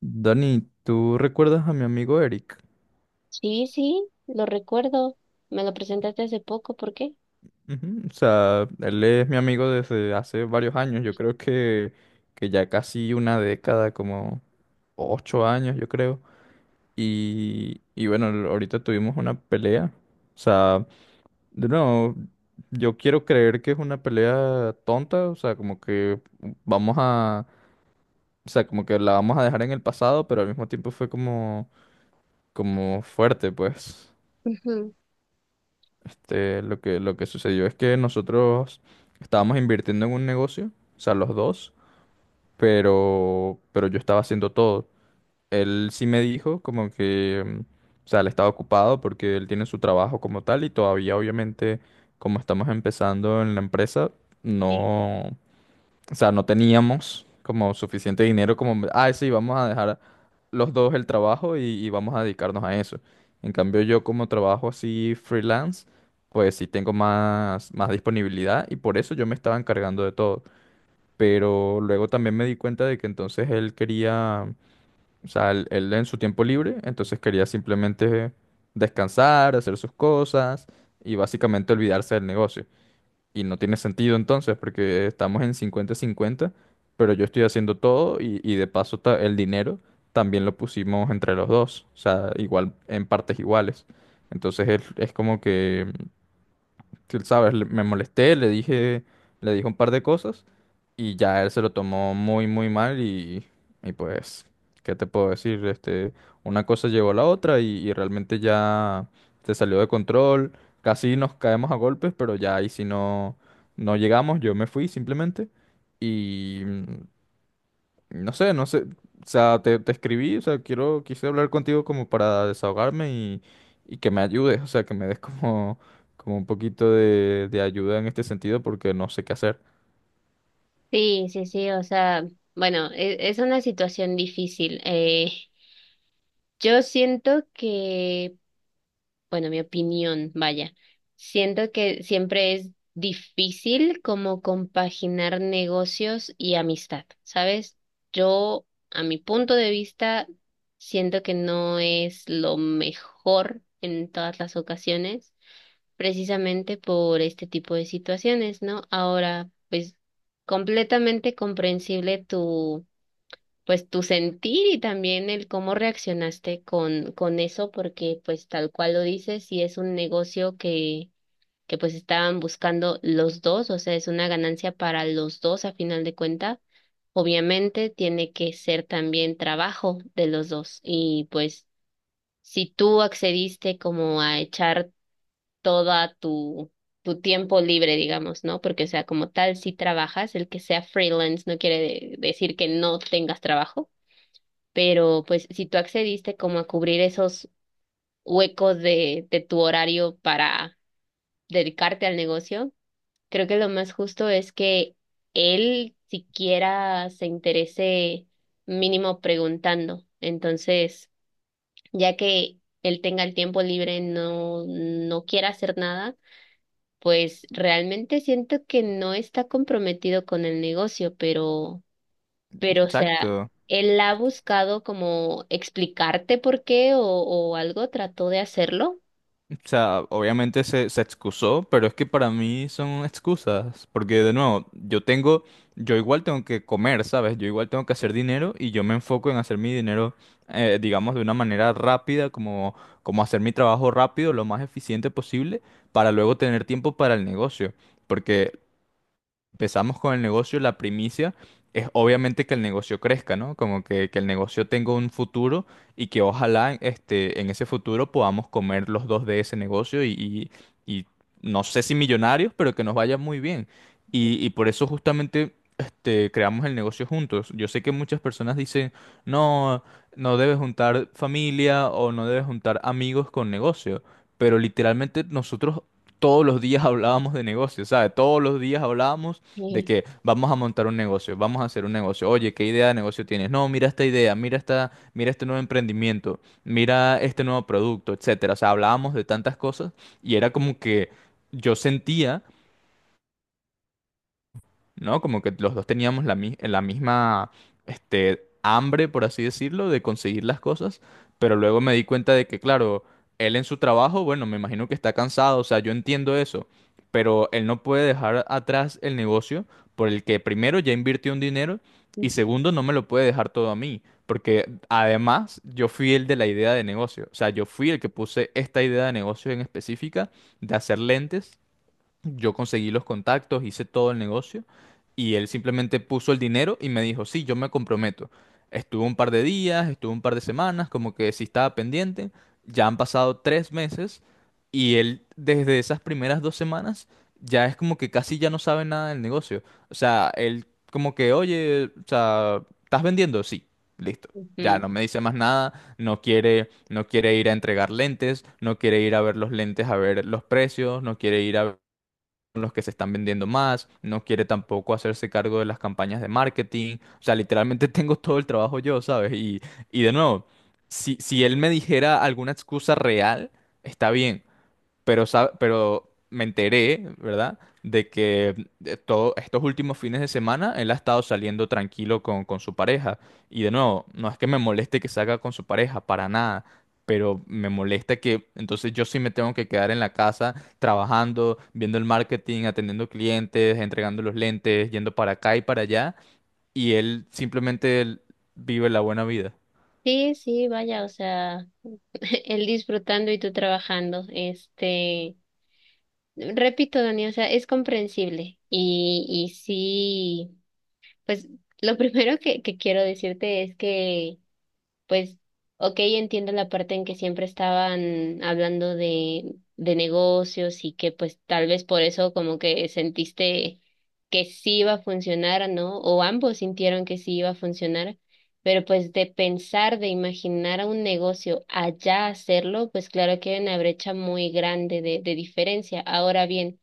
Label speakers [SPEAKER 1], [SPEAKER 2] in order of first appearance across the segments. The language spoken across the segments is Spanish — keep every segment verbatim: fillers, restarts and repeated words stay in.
[SPEAKER 1] Dani, ¿tú recuerdas a mi amigo Eric?
[SPEAKER 2] Sí, sí, lo recuerdo. Me lo presentaste hace poco, ¿por qué?
[SPEAKER 1] Ujú. O sea, él es mi amigo desde hace varios años, yo creo que, que ya casi una década, como ocho años, yo creo. Y, y bueno, l- ahorita tuvimos una pelea. O sea, de nuevo, yo quiero creer que es una pelea tonta, o sea, como que vamos a, o sea, como que la vamos a dejar en el pasado, pero al mismo tiempo fue como, como fuerte, pues.
[SPEAKER 2] Ujú.
[SPEAKER 1] Este, lo que, lo que sucedió es que nosotros estábamos invirtiendo en un negocio, o sea, los dos, pero, pero yo estaba haciendo todo. Él sí me dijo como que, mm, o sea, él estaba ocupado porque él tiene su trabajo como tal y todavía obviamente como estamos empezando en la empresa,
[SPEAKER 2] Sí,
[SPEAKER 1] no, o sea, no teníamos como suficiente dinero como, ah, sí, vamos a dejar los dos el trabajo y, y vamos a dedicarnos a eso. En cambio, yo como trabajo así freelance, pues sí tengo más, más disponibilidad y por eso yo me estaba encargando de todo. Pero luego también me di cuenta de que entonces él quería, o sea, él, él en su tiempo libre, entonces quería simplemente descansar, hacer sus cosas y básicamente olvidarse del negocio. Y no tiene sentido entonces, porque estamos en cincuenta cincuenta pero yo estoy haciendo todo y, y de paso ta- el dinero también lo pusimos entre los dos, o sea, igual en partes iguales. Entonces es, es como que que, ¿sabes? le- Me molesté, le dije, le dije un par de cosas y ya él se lo tomó muy, muy mal y, y pues, ¿qué te puedo decir? Este, una cosa llevó a la otra y, y realmente ya se salió de control, casi nos caemos a golpes, pero ya ahí si no, no llegamos, yo me fui simplemente. Y no sé, no sé. O sea, te, te escribí, o sea, quiero, quise hablar contigo como para desahogarme y, y que me ayudes, o sea, que me des como, como un poquito de, de ayuda en este sentido porque no sé qué hacer.
[SPEAKER 2] sí, sí, sí, o sea, bueno, e- es una situación difícil. Eh, yo siento que, bueno, mi opinión, vaya, siento que siempre es difícil como compaginar negocios y amistad, ¿sabes? Yo, a mi punto de vista, siento que no es lo mejor en todas las ocasiones, precisamente por este tipo de situaciones, ¿no? Ahora, pues completamente comprensible tu, pues tu sentir y también el cómo reaccionaste con, con eso, porque pues tal cual lo dices, y es un negocio que, que pues estaban buscando los dos, o sea, es una ganancia para los dos a final de cuenta. Obviamente tiene que ser también trabajo de los dos y pues si tú accediste como a echar toda tu, tu tiempo libre, digamos, ¿no? Porque, o sea, como tal, si trabajas, el que sea freelance no quiere de- decir que no tengas trabajo, pero pues si tú accediste como a cubrir esos huecos de, de tu horario para dedicarte al negocio, creo que lo más justo es que él siquiera se interese mínimo preguntando. Entonces, ya que él tenga el tiempo libre, no, no quiera hacer nada, pues realmente siento que no está comprometido con el negocio, pero, pero, o sea,
[SPEAKER 1] Exacto.
[SPEAKER 2] él ha buscado como explicarte por qué o, o algo, trató de hacerlo.
[SPEAKER 1] O sea, obviamente se, se excusó, pero es que para mí son excusas, porque de nuevo, yo tengo, yo igual tengo que comer, ¿sabes? Yo igual tengo que hacer dinero y yo me enfoco en hacer mi dinero, eh, digamos, de una manera rápida, como, como hacer mi trabajo rápido, lo más eficiente posible, para luego tener tiempo para el negocio. Porque empezamos con el negocio, la primicia es obviamente que el negocio crezca, ¿no? Como que, que el negocio tenga un futuro y que ojalá este, en ese futuro podamos comer los dos de ese negocio y, y- y no sé si millonarios, pero que nos vaya muy bien. Y, y por eso justamente este, creamos el negocio juntos. Yo sé que muchas personas dicen, no, no debes juntar familia o no debes juntar amigos con negocio, pero literalmente nosotros todos los días hablábamos de negocios, ¿sabes? Todos los días hablábamos de
[SPEAKER 2] Sí.
[SPEAKER 1] que vamos a montar un negocio, vamos a hacer un negocio. Oye, ¿qué idea de negocio tienes? No, mira esta idea, mira esta, mira este nuevo emprendimiento, mira este nuevo producto, etcétera. O sea, hablábamos de tantas cosas y era como que yo sentía, ¿no? Como que los dos teníamos la, mi- la misma, este, hambre, por así decirlo, de conseguir las cosas, pero luego me di cuenta de que, claro, él en su trabajo, bueno, me imagino que está cansado, o sea, yo entiendo eso, pero él no puede dejar atrás el negocio por el que primero ya invirtió un dinero y segundo no me lo puede dejar todo a mí, porque además yo fui el de la idea de negocio, o sea, yo fui el que puse esta idea de negocio en específica de hacer lentes. Yo conseguí los contactos, hice todo el negocio y él simplemente puso el dinero y me dijo, sí, yo me comprometo. Estuvo un par de días, estuvo un par de semanas, como que sí estaba pendiente. Ya han pasado tres meses y él desde esas primeras dos semanas ya es como que casi ya no sabe nada del negocio. O sea, él como que, oye, o sea, ¿estás vendiendo? Sí, listo. Ya
[SPEAKER 2] Ujú.
[SPEAKER 1] no me dice más nada, no quiere, no quiere ir a entregar lentes, no quiere ir a ver los lentes, a ver los precios, no quiere ir a son los que se están vendiendo más, no quiere tampoco hacerse cargo de las campañas de marketing, o sea, literalmente tengo todo el trabajo yo, ¿sabes? Y, y de nuevo, si, si él me dijera alguna excusa real, está bien, pero, sa- pero me enteré, ¿verdad? De que eh, todo, estos últimos fines de semana él ha estado saliendo tranquilo con, con su pareja. Y de nuevo, no es que me moleste que salga con su pareja, para nada. Pero me molesta que entonces yo sí me tengo que quedar en la casa trabajando, viendo el marketing, atendiendo clientes, entregando los lentes, yendo para acá y para allá. Y él simplemente él vive la buena vida.
[SPEAKER 2] Sí, sí, vaya, o sea, él disfrutando y tú trabajando, este, repito, Dani, o sea, es comprensible y, y sí, pues lo primero que, que quiero decirte es que pues, ok, entiendo la parte en que siempre estaban hablando de, de negocios y que pues tal vez por eso como que sentiste que sí iba a funcionar, ¿no? O ambos sintieron que sí iba a funcionar, pero pues de pensar, de imaginar a un negocio allá hacerlo, pues claro que hay una brecha muy grande de, de diferencia. Ahora bien,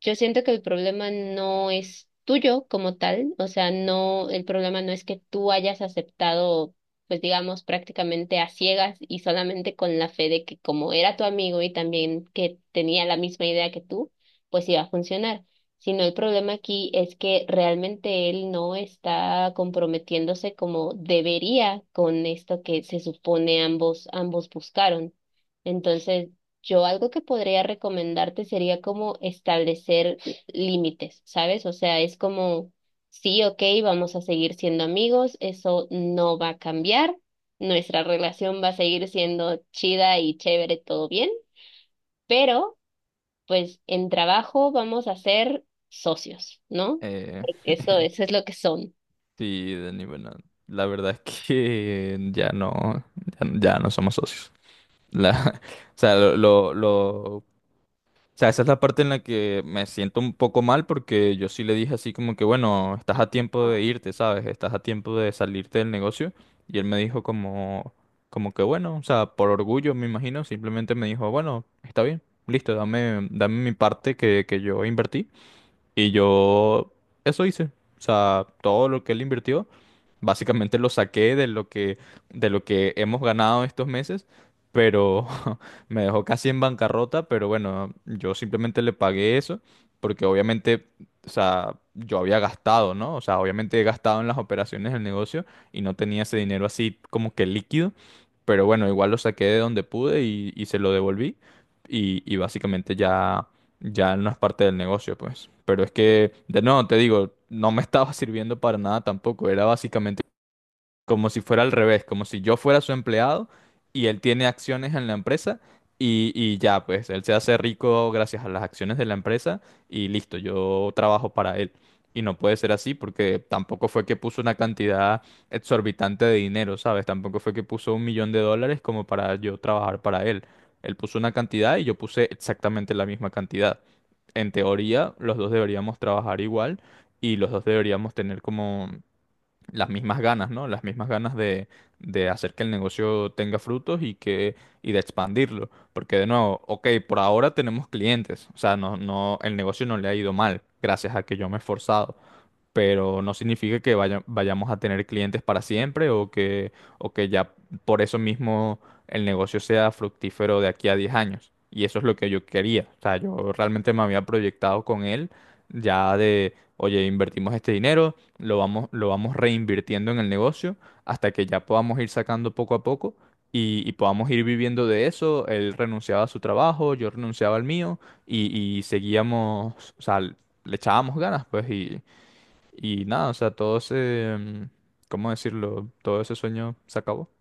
[SPEAKER 2] yo siento que el problema no es tuyo como tal, o sea, no, el problema no es que tú hayas aceptado, pues digamos, prácticamente a ciegas y solamente con la fe de que como era tu amigo y también que tenía la misma idea que tú, pues iba a funcionar, sino el problema aquí es que realmente él no está comprometiéndose como debería con esto que se supone ambos, ambos buscaron. Entonces, yo algo que podría recomendarte sería como establecer límites, ¿sabes? O sea, es como, sí, ok, vamos a seguir siendo amigos, eso no va a cambiar, nuestra relación va a seguir siendo chida y chévere, todo bien, pero pues en trabajo vamos a ser socios, ¿no?
[SPEAKER 1] Eh,
[SPEAKER 2] Porque eso, eso es lo que son.
[SPEAKER 1] Sí, Dani, bueno, la verdad es que ya no, ya, ya no somos socios. La, o sea, lo, lo, lo- o sea, esa es la parte en la que me siento un poco mal porque yo sí le dije así como que, bueno, estás a tiempo de irte, ¿sabes? Estás a tiempo de salirte del negocio. Y él me dijo como, como que, bueno, o sea, por orgullo, me imagino, simplemente me dijo, bueno, está bien, listo, dame, dame mi parte que, que yo invertí. Y yo eso hice. O sea, todo lo que él invirtió, básicamente lo saqué de lo que, de lo que hemos ganado estos meses, pero me dejó casi en bancarrota, pero bueno, yo simplemente le pagué eso, porque obviamente, o sea, yo había gastado, ¿no? O sea, obviamente he gastado en las operaciones del negocio y no tenía ese dinero así como que líquido, pero bueno, igual lo saqué de donde pude y, y se lo devolví. Y, y básicamente ya ya no es parte del negocio, pues. Pero es que, de nuevo, te digo, no me estaba sirviendo para nada tampoco. Era como si fuera al revés, como si yo fuera su empleado y él tiene acciones en la empresa y, y ya, pues él se hace rico gracias a las acciones de la empresa y listo, yo trabajo para él. Y no puede ser así porque tampoco fue que puso una cantidad exorbitante de dinero, ¿sabes? Tampoco fue que puso un millón de dólares como para yo trabajar para él. Él puso una cantidad y yo puse exactamente la misma cantidad. En teoría, los dos deberíamos trabajar igual y los dos deberíamos tener como las mismas ganas, ¿no? Las mismas ganas de, de hacer que el negocio tenga frutos y que y de expandirlo, porque de nuevo, ok, por ahora tenemos clientes, o sea, no no el negocio no le ha ido mal gracias a que yo me he esforzado, pero no significa que vaya- vayamos a tener clientes para siempre o que, o que, ya por eso mismo el negocio sea fructífero de aquí a diez años. Y eso es lo que yo quería. O sea, yo realmente me había proyectado con él ya de, oye, invertimos este dinero, lo vamos, lo vamos reinvirtiendo en el negocio hasta que ya podamos ir sacando poco a poco. Y, y podamos ir viviendo de eso. Él renunciaba a su trabajo, yo renunciaba al mío y, y seguíamos, o sea, le echábamos ganas, pues, y, y nada, o sea, todo ese, mm, ¿cómo decirlo? Todo ese sueño se acabó.